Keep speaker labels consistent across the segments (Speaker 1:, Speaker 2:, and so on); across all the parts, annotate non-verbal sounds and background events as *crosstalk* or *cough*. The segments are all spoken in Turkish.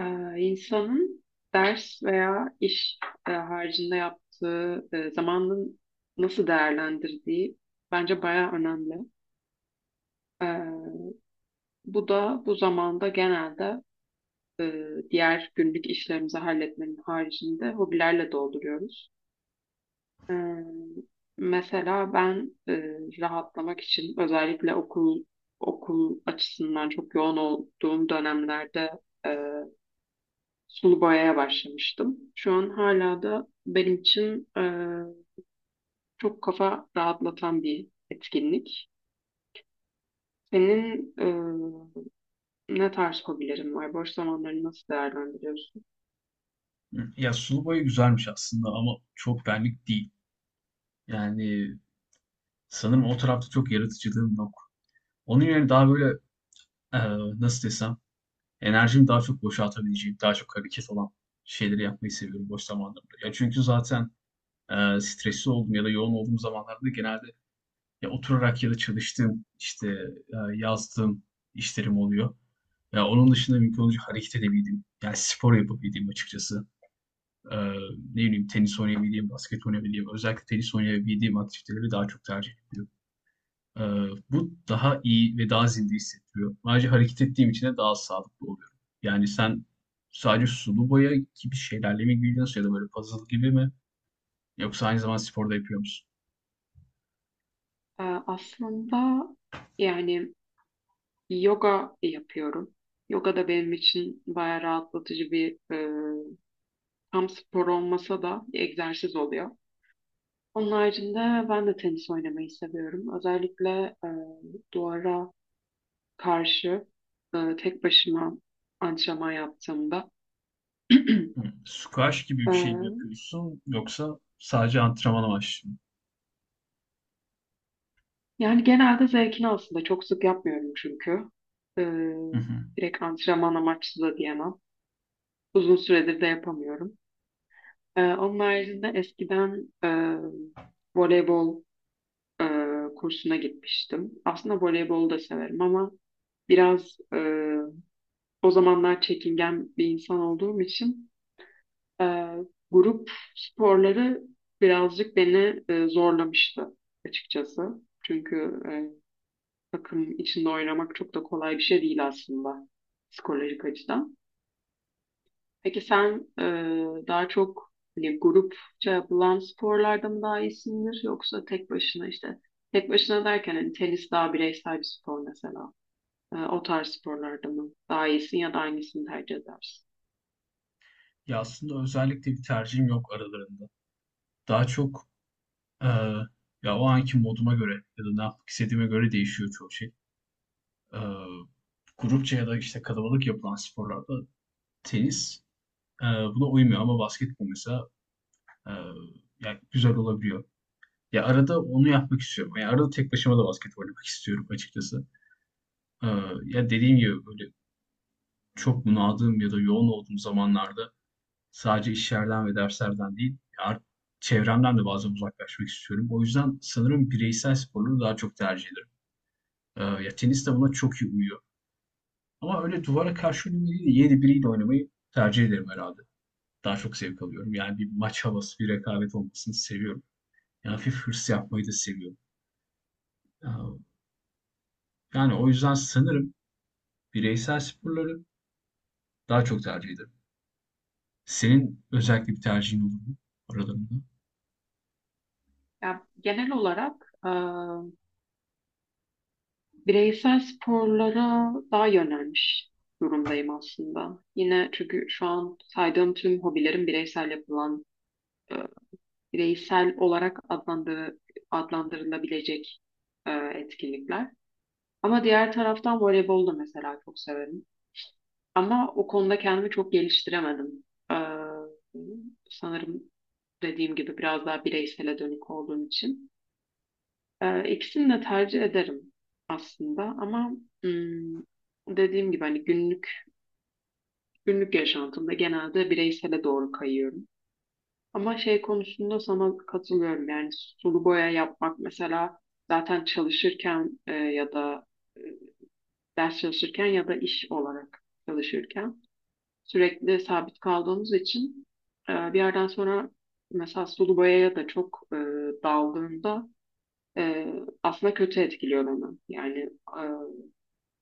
Speaker 1: İnsanın ders veya iş haricinde yaptığı zamanını nasıl değerlendirdiği bence bayağı önemli. Ee, Bu da bu zamanda genelde e, diğer günlük işlerimizi halletmenin haricinde hobilerle dolduruyoruz. Ee, Mesela ben rahatlamak için özellikle okul açısından çok yoğun olduğum dönemlerde e, sulu boyaya başlamıştım. Şu an hala da benim için çok kafa rahatlatan bir etkinlik. Senin ne tarz hobilerin var? Boş zamanlarını nasıl değerlendiriyorsun?
Speaker 2: Hı. Ya sulu boya güzelmiş aslında ama çok benlik değil. Yani sanırım o tarafta çok yaratıcılığım yok. Onun yerine daha böyle e, nasıl desem enerjimi daha çok boşaltabileceğim, daha çok hareket olan şeyleri yapmayı seviyorum boş zamanlarımda. Ya çünkü zaten stresli olduğum ya da yoğun olduğum zamanlarda genelde ya oturarak ya da çalıştığım işte yazdığım işlerim oluyor. Ya onun dışında mümkün olunca hareket edebildiğim, yani spor yapabildiğim açıkçası. e, Ne bileyim tenis oynayabildiğim, basket oynayabildiğim, özellikle tenis oynayabildiğim aktiviteleri daha çok tercih ediyorum. E, Bu daha iyi ve daha zinde hissettiriyor. Ayrıca hareket ettiğim için de daha sağlıklı oluyorum. Yani sen sadece sulu boya gibi şeylerle mi ilgileniyorsun ya da böyle puzzle gibi mi? Yoksa aynı zamanda sporda yapıyor musun?
Speaker 1: Aslında yani yoga yapıyorum. Yoga da benim için bayağı rahatlatıcı bir tam spor olmasa da bir egzersiz oluyor. Onun haricinde ben de tenis oynamayı seviyorum. Özellikle e, duvara karşı tek başıma antrenman yaptığımda
Speaker 2: Hı.
Speaker 1: *clears throat*
Speaker 2: Squash gibi bir şey mi
Speaker 1: e,
Speaker 2: yapıyorsun yoksa sadece antrenman amaçlı mı?
Speaker 1: yani genelde zevkini aslında çok sık yapmıyorum çünkü. E,
Speaker 2: Hı hı.
Speaker 1: Direkt antrenman amaçlı da diyemem. Uzun süredir de yapamıyorum. Onun haricinde eskiden voleybol e, kursuna gitmiştim. Aslında voleybolu da severim ama biraz o zamanlar çekingen bir insan olduğum için Ee, grup sporları birazcık beni zorlamıştı açıkçası. Çünkü takım içinde oynamak çok da kolay bir şey değil aslında psikolojik açıdan. Peki sen daha çok hani grupça yapılan sporlarda mı daha iyisindir yoksa tek başına işte tek başına derken hani tenis daha bireysel bir spor mesela. O tarz sporlarda mı? Daha iyisin ya da aynısını tercih edersin.
Speaker 2: Ya aslında özellikle bir tercihim yok aralarında. Daha çok Eee, ya o anki moduma göre ya da ne yapmak istediğime göre değişiyor çoğu şey. Eee, Grupça ya da işte kalabalık yapılan sporlarda tenis eee, buna uymuyor ama basketbol mesela eee, yani güzel olabiliyor. Ya arada onu yapmak istiyorum. Yani arada tek başıma da basket oynamak istiyorum açıkçası. Eee, Ya dediğim gibi böyle çok bunaldığım ya da yoğun olduğum zamanlarda sadece işlerden ve derslerden değil, çevremden de bazen uzaklaşmak istiyorum. O yüzden sanırım bireysel sporları daha çok tercih ediyorum. Ya tenis de buna çok iyi uyuyor. Ama öyle duvara karşı oynamayı değil de yeni biriyle oynamayı tercih ederim herhalde. Daha çok zevk alıyorum. Yani bir maç havası, bir rekabet olmasını seviyorum. Yani hafif hırs yapmayı da seviyorum. Ee, Yani o yüzden sanırım bireysel sporları daha çok tercih ederim. Senin özellikle bir tercihin olur mu aralarında?
Speaker 1: Ya, genel olarak bireysel sporlara daha yönelmiş durumdayım aslında. Yine çünkü şu an saydığım tüm hobilerim bireysel yapılan, e, bireysel olarak adlandırılabilecek etkinlikler. Ama diğer taraftan voleybol da mesela çok severim. Ama o konuda kendimi çok geliştiremedim. Ee, Sanırım dediğim gibi biraz daha bireysele dönük olduğum için. İkisini de tercih ederim aslında ama hmm, dediğim gibi hani günlük yaşantımda genelde bireysele doğru kayıyorum. Ama şey konusunda sana katılıyorum yani sulu boya yapmak mesela zaten çalışırken ya da e, ders çalışırken ya da iş olarak çalışırken sürekli sabit kaldığımız için bir yerden sonra mesela sulu boyaya da çok daldığımda e, aslında kötü etkiliyor beni. Yani e,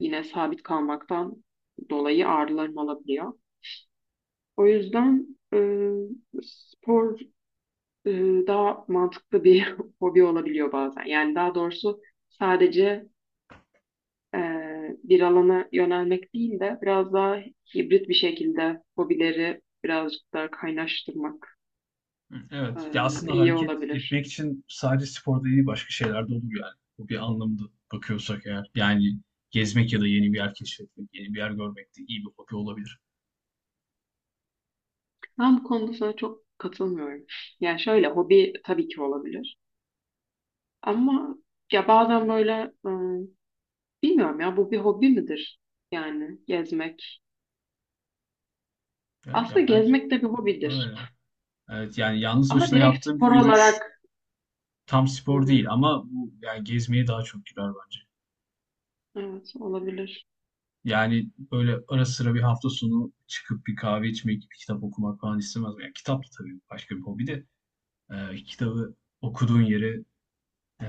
Speaker 1: yine sabit kalmaktan dolayı ağrılarım olabiliyor. O yüzden e, spor e, daha mantıklı bir *laughs* hobi olabiliyor bazen. Yani daha doğrusu sadece e, bir alana yönelmek değil de biraz daha hibrit bir şekilde hobileri birazcık daha kaynaştırmak.
Speaker 2: Hı, evet. Ya
Speaker 1: Ee,
Speaker 2: aslında
Speaker 1: iyi
Speaker 2: hareket
Speaker 1: olabilir.
Speaker 2: etmek için sadece sporda değil başka şeyler de olur yani. Bu bir anlamda bakıyorsak eğer. Yani gezmek ya da yeni bir yer keşfetmek, yeni bir yer görmek de iyi bir hobi olabilir.
Speaker 1: Ben bu konuda sana çok katılmıyorum. Yani şöyle hobi tabii ki olabilir. Ama ya bazen böyle e, bilmiyorum ya bu bir hobi midir? Yani gezmek.
Speaker 2: Evet,
Speaker 1: Aslında
Speaker 2: ya bence
Speaker 1: gezmek de bir hobidir.
Speaker 2: öyle. Evet, yani yalnız
Speaker 1: Ama
Speaker 2: başına
Speaker 1: direkt
Speaker 2: yaptığım bir
Speaker 1: spor
Speaker 2: yürüyüş
Speaker 1: olarak.
Speaker 2: tam
Speaker 1: Hı
Speaker 2: spor değil
Speaker 1: hı.
Speaker 2: ama bu yani gezmeye daha çok girer bence.
Speaker 1: Evet olabilir.
Speaker 2: Yani böyle ara sıra bir hafta sonu çıkıp bir kahve içmek, bir kitap okumak falan istemez miyim? Yani kitap da tabii başka bir hobi de kitabı okuduğun yere e,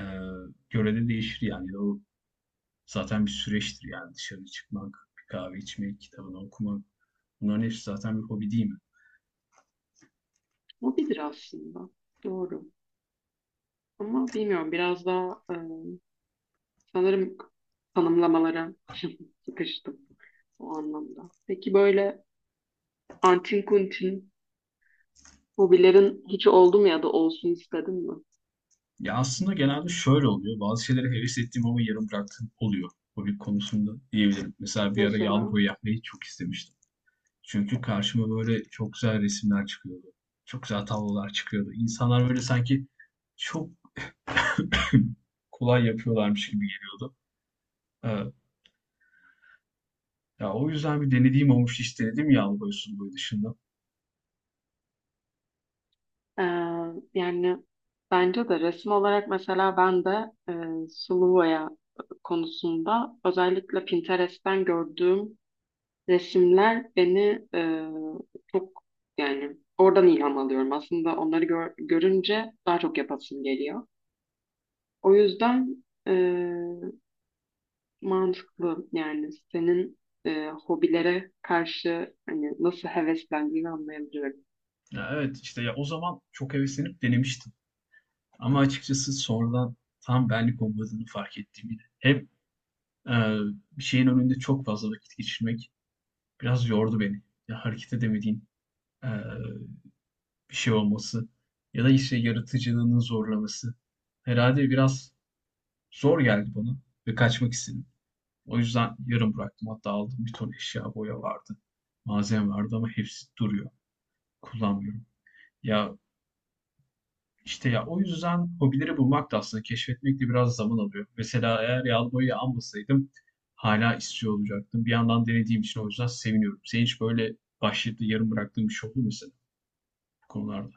Speaker 2: göre de değişir yani. O zaten bir süreçtir yani dışarı çıkmak, bir kahve içmek, kitabını okumak. Bunların hepsi zaten bir hobi değil mi?
Speaker 1: Hobidir aslında. Doğru. Ama bilmiyorum biraz daha sanırım tanımlamalara *laughs* sıkıştım o anlamda. Peki böyle antin kuntin hobilerin hiç oldu mu ya da olsun istedin mi?
Speaker 2: Ya aslında genelde şöyle oluyor. Bazı şeylere heves ettiğim ama yarım bıraktığım oluyor. Hobi konusunda diyebilirim. Mesela bir ara yağlı
Speaker 1: Mesela
Speaker 2: boya yapmayı çok istemiştim. Çünkü karşıma böyle çok güzel resimler çıkıyordu. Çok güzel tablolar çıkıyordu. İnsanlar böyle sanki çok *clears throat* kolay yapıyorlarmış gibi geliyordu. Evet. Ya o yüzden bir denediğim olmuştu. Hiç denedim yağlı boya sulu boya dışında.
Speaker 1: e, yani bence de resim olarak mesela ben de sulu boya konusunda özellikle Pinterest'ten gördüğüm resimler beni çok yani oradan ilham alıyorum. Aslında onları görünce daha çok yapasım geliyor. O yüzden mantıklı yani senin hobilere karşı hani nasıl heveslendiğini anlayabiliyorum.
Speaker 2: Ya evet işte ya o zaman çok heveslenip denemiştim. Ama açıkçası sonradan tam benlik olmadığını fark ettim yine. Hem Eee, bir şeyin önünde çok fazla vakit geçirmek biraz yordu beni. Ya, hareket edemediğin, eee, bir şey olması ya da, işte, yaratıcılığının zorlaması herhalde biraz zor geldi bana ve kaçmak istedim. O yüzden yarım bıraktım. Hatta aldığım bir ton eşya, boya vardı, malzeme vardı ama hepsi duruyor. Kullanmıyorum. Ya, İşte ya o yüzden hobileri bulmak da aslında keşfetmek de biraz zaman alıyor. Mesela eğer yağlı boyayı almasaydım hala istiyor olacaktım. Bir yandan denediğim için o yüzden seviniyorum. Senin hiç böyle başlayıp da yarım bıraktığın bir şey oldu mu mesela bu konularda?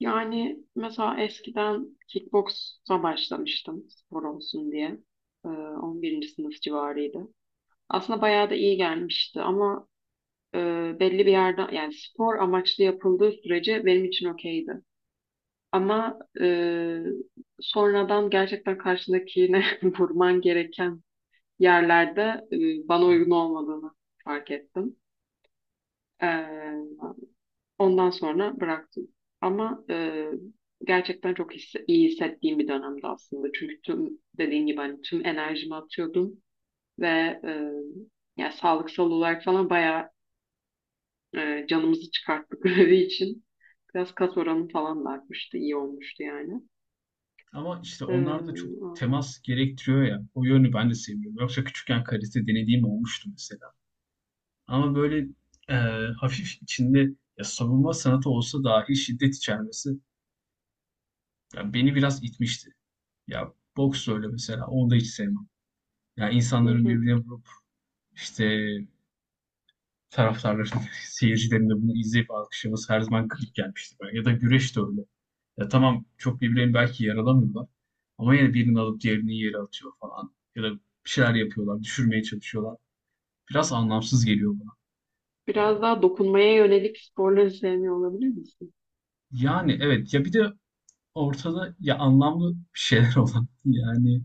Speaker 1: Yani mesela eskiden kickboksa başlamıştım spor olsun diye. 11. sınıf civarıydı. Aslında bayağı da iyi gelmişti ama e, belli bir yerden yani spor amaçlı yapıldığı sürece benim için okeydi. Ama sonradan gerçekten karşındakine *laughs* vurman gereken yerlerde bana
Speaker 2: Yani.
Speaker 1: uygun olmadığını fark ettim. Ee, Ondan sonra bıraktım. Ama gerçekten çok iyi hissettiğim bir dönemdi aslında. Çünkü tüm dediğin gibi hani tüm enerjimi atıyordum ve e, ya sağlıksal olarak falan bayağı canımızı çıkarttık *laughs* grevi için. Biraz kas oranı falan da artmıştı, iyi olmuştu yani.
Speaker 2: Ama işte
Speaker 1: E,
Speaker 2: onlar da çok
Speaker 1: Ondan.
Speaker 2: temas gerektiriyor ya. O yönü ben de sevmiyorum. Yoksa küçükken karate denediğim olmuştu mesela. Ama böyle e, hafif içinde ya savunma sanatı olsa dahi şiddet içermesi ya beni biraz itmişti. Ya boks öyle mesela. Onu da hiç sevmem. Yani
Speaker 1: Hı
Speaker 2: insanların
Speaker 1: hı.
Speaker 2: birbirine vurup işte taraftarların, *laughs* seyircilerin de bunu izleyip alkışlaması her zaman garip gelmişti bana. Ya da güreş de öyle. Ya tamam, çok birbirlerini belki yaralamıyorlar. Ama yine birini alıp diğerini yere atıyor falan. Ya da bir şeyler yapıyorlar, düşürmeye çalışıyorlar. Biraz anlamsız geliyor bana. Ee,
Speaker 1: Biraz daha dokunmaya yönelik sporları sevmiyor olabilir misin?
Speaker 2: Yani evet, ya bir de ortada ya anlamlı bir şeyler *laughs* olan yani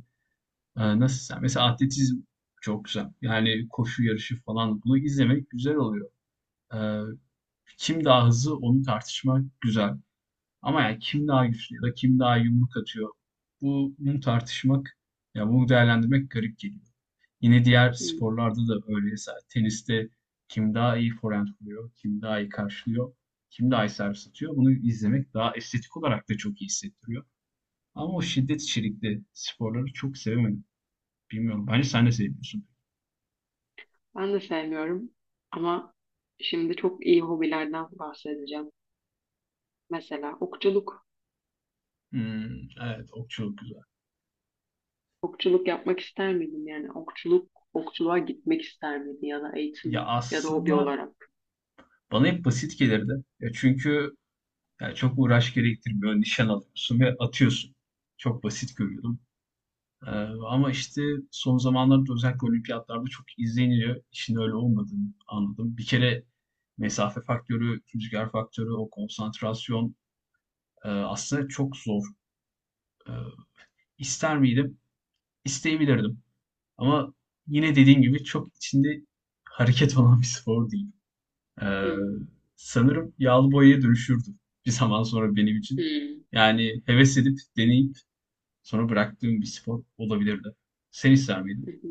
Speaker 2: nasıl desem mesela atletizm çok güzel. Yani koşu yarışı falan bunu izlemek güzel oluyor. Eee, Kim daha hızlı onu tartışmak güzel. Ama yani kim daha güçlü ya da kim daha yumruk atıyor bu bunu tartışmak ya bunu değerlendirmek garip geliyor. Yine diğer
Speaker 1: Hı.
Speaker 2: sporlarda da öyle. Mesela teniste kim daha iyi forehand vuruyor, kim daha iyi karşılıyor, kim daha iyi servis atıyor. Bunu izlemek daha estetik olarak da çok iyi hissettiriyor. Ama o şiddet içerikli sporları çok sevemedim. Bilmiyorum. Bence sen de seviyorsun?
Speaker 1: Ben de sevmiyorum ama şimdi çok iyi hobilerden bahsedeceğim. Mesela okçuluk.
Speaker 2: Hmm, evet okçuluk güzel.
Speaker 1: Okçuluk yapmak ister miydin? Yani okçuluk, okçuluğa gitmek ister miydin ya da
Speaker 2: Ya
Speaker 1: eğitim ya da hobi
Speaker 2: aslında
Speaker 1: olarak?
Speaker 2: bana hep basit gelirdi. Ya çünkü yani çok uğraş gerektirmiyor. Nişan alıyorsun ve atıyorsun. Çok basit görüyordum. Ee, Ama işte son zamanlarda özellikle olimpiyatlarda çok izleniliyor. İşin öyle olmadığını anladım. Bir kere mesafe faktörü, rüzgar faktörü, o konsantrasyon aslında çok zor. Ee, ister miydim? İsteyebilirdim. Ama yine dediğim gibi çok içinde hareket olan bir spor değil. Ee,
Speaker 1: Hmm,
Speaker 2: Sanırım yağlı boyaya dönüşürdü bir zaman sonra benim için.
Speaker 1: hmm,
Speaker 2: Yani heves edip deneyip sonra bıraktığım bir spor olabilirdi. Sen ister miydin?
Speaker 1: hı hı.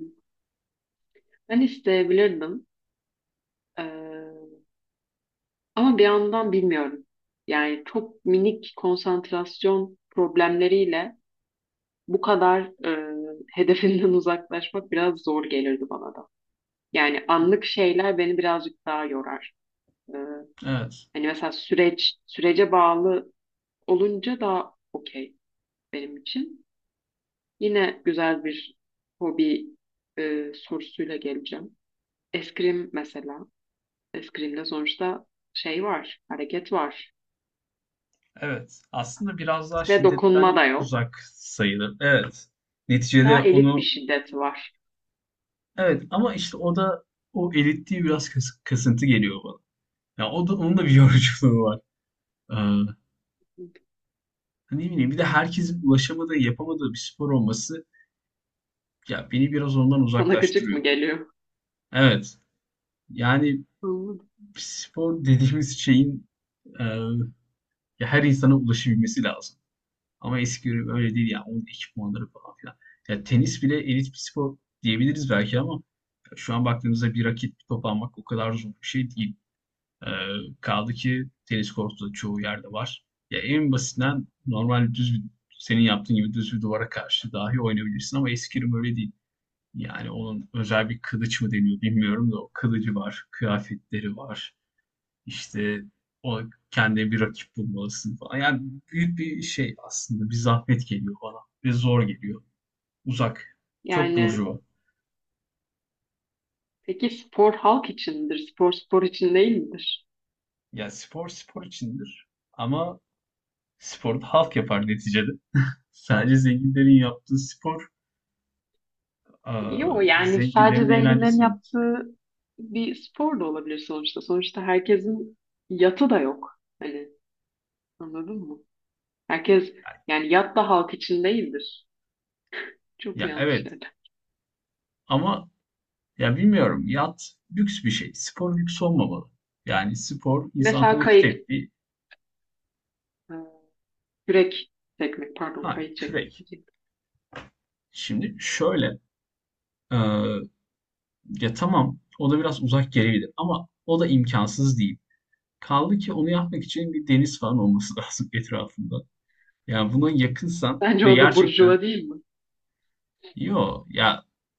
Speaker 1: Ben isteyebilirdim. Ee, Ama bir yandan bilmiyorum. Yani çok minik konsantrasyon problemleriyle bu kadar e, hedefinden *laughs* uzaklaşmak biraz zor gelirdi bana da. Yani anlık şeyler beni birazcık daha yorar. Ee,
Speaker 2: Evet.
Speaker 1: Hani mesela sürece bağlı olunca daha okey benim için. Yine güzel bir hobi sorusuyla geleceğim. Eskrim mesela. Eskrimde sonuçta şey var, hareket var
Speaker 2: Evet. Aslında biraz daha
Speaker 1: ve
Speaker 2: şiddetten
Speaker 1: dokunma da yok.
Speaker 2: uzak sayılır. Evet. Neticede
Speaker 1: Daha elit bir
Speaker 2: onu
Speaker 1: şiddet var.
Speaker 2: evet ama işte o da o elitliği biraz kasıntı geliyor bana. Ya o da onun da bir *laughs* yoruculuğu var. Hani ne bileyim bir de herkesin ulaşamadığı, yapamadığı bir spor olması ya beni biraz ondan
Speaker 1: Sana gıcık
Speaker 2: uzaklaştırıyor.
Speaker 1: mı geliyor?
Speaker 2: Evet. Yani spor dediğimiz şeyin e, ya her insana ulaşabilmesi lazım. Ama eski ürün öyle değil yani onun ekipmanları falan filan. Ya tenis bile elit bir spor diyebiliriz belki ama şu an baktığımızda bir raket bir top almak o kadar zor bir şey değil. E, Kaldı ki tenis kortu da çoğu yerde var. Ya en basitinden normal düz bir, senin yaptığın gibi düz bir duvara karşı dahi oynayabilirsin ama eskrim öyle değil. Yani onun özel bir kılıç mı deniyor bilmiyorum da o kılıcı var, kıyafetleri var. İşte o kendine bir rakip bulmalısın falan. Yani büyük bir şey aslında. Bir zahmet geliyor bana. Ve zor geliyor. Uzak. Çok
Speaker 1: Yani
Speaker 2: burjuva.
Speaker 1: peki spor halk içindir, spor spor için değil midir?
Speaker 2: Yani spor spor içindir. Ama sporu da halk yapar neticede. Sadece zenginlerin yaptığı spor aa,
Speaker 1: Yok yani sadece
Speaker 2: zenginlerin
Speaker 1: zenginlerin
Speaker 2: eğlencesi yok.
Speaker 1: yaptığı bir spor da olabilir sonuçta. Sonuçta herkesin yatı da yok. Hani anladın mı? Herkes
Speaker 2: Yani,
Speaker 1: yani yat da halk için değildir. Çok mu
Speaker 2: ya
Speaker 1: yanlış
Speaker 2: evet
Speaker 1: yerler?
Speaker 2: ama ya bilmiyorum yat lüks bir şey. Spor lüks olmamalı. Yani spor insan
Speaker 1: Mesela
Speaker 2: hareket
Speaker 1: kayık,
Speaker 2: ettiği
Speaker 1: e, kürek çekmek, pardon
Speaker 2: ha
Speaker 1: kayık çekmek
Speaker 2: kürek.
Speaker 1: diyeceğim.
Speaker 2: Şimdi şöyle aa, ya tamam, o da biraz uzak gelebilir ama o da imkansız değil. Kaldı ki onu yapmak için bir deniz falan olması *laughs* lazım etrafında. Yani buna yakınsan
Speaker 1: Bence
Speaker 2: ve
Speaker 1: o da
Speaker 2: gerçekten
Speaker 1: burjuva değil mi?
Speaker 2: yo ya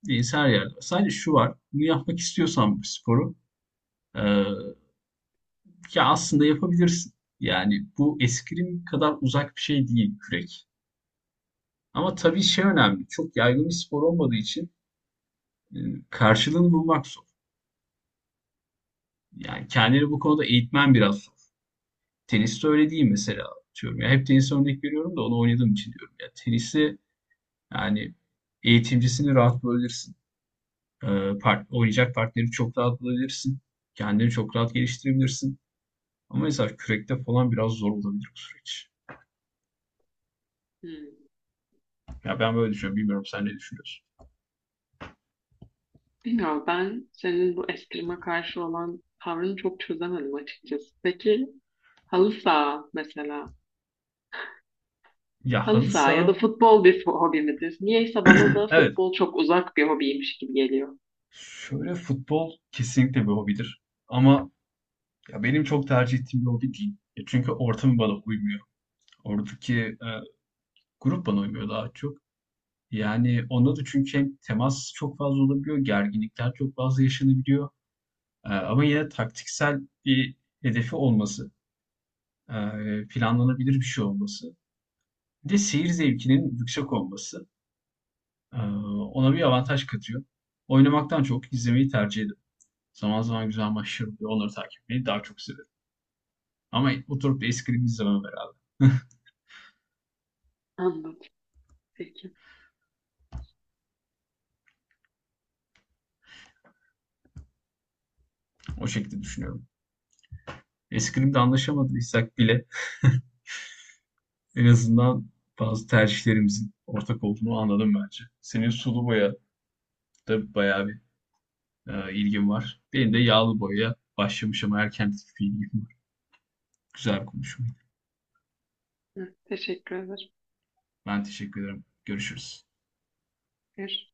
Speaker 2: deniz her yerde var. Sadece şu var, bunu yapmak istiyorsan bu sporu e, ya aslında yapabilirsin. Yani bu eskrim kadar uzak bir şey değil kürek. Ama tabii şey önemli, çok yaygın bir spor olmadığı için e, karşılığını bulmak zor. Yani kendini bu konuda eğitmen biraz zor. Teniste öyle değil mesela diyorum. Ya hep tenise örnek veriyorum da onu oynadığım için diyorum. Ya tenisi yani eğitimcisini rahat bulabilirsin. Ee, Oynayacak partneri çok rahat bulabilirsin. Kendini çok rahat geliştirebilirsin. Ama mesela kürekte falan biraz zor olabilir bu süreç.
Speaker 1: Hmm.
Speaker 2: Ya ben böyle düşünüyorum. Bilmiyorum sen ne düşünüyorsun?
Speaker 1: Bilmiyorum ben senin bu eskrima karşı olan tavrını çok çözemedim açıkçası. Peki halı saha mesela.
Speaker 2: Ya
Speaker 1: Halı
Speaker 2: halı
Speaker 1: saha ya da
Speaker 2: saha
Speaker 1: futbol bir hobi midir? Niyeyse bana da
Speaker 2: *clears throat* evet.
Speaker 1: futbol çok uzak bir hobiymiş gibi geliyor.
Speaker 2: Şöyle futbol kesinlikle bir hobidir. Ama ya benim çok tercih ettiğim bir hobi değil. Ya çünkü ortamı bana uymuyor. Oradaki grup bana uymuyor daha çok. Yani, onda da çünkü hem temas çok fazla olabiliyor, gerginlikler çok fazla yaşanabiliyor, ama yine taktiksel bir hedefi olması, planlanabilir bir şey olması, bir de seyir zevkinin yüksek olması, eee, ona bir avantaj katıyor. Oynamaktan çok izlemeyi tercih ederim. Zaman zaman güzel maçlar oluyor, onları takip etmeyi daha çok severim ama oturup da eskrim izlemem herhâlde. *laughs*
Speaker 1: Anladım. Peki.
Speaker 2: O şekilde düşünüyorum. Eskrimde anlaşamadıysak bile en azından bazı tercihlerimizin ortak olduğunu anladım bence. Senin sulu boya da bayağı bir ilgin var. Benim de yağlı boyaya başlamış ama erken bir ilgim var. Güzel bir konuşmaydı.
Speaker 1: Hı, teşekkür ederim.
Speaker 2: Ben teşekkür ederim. Görüşürüz.
Speaker 1: Görüşürüz.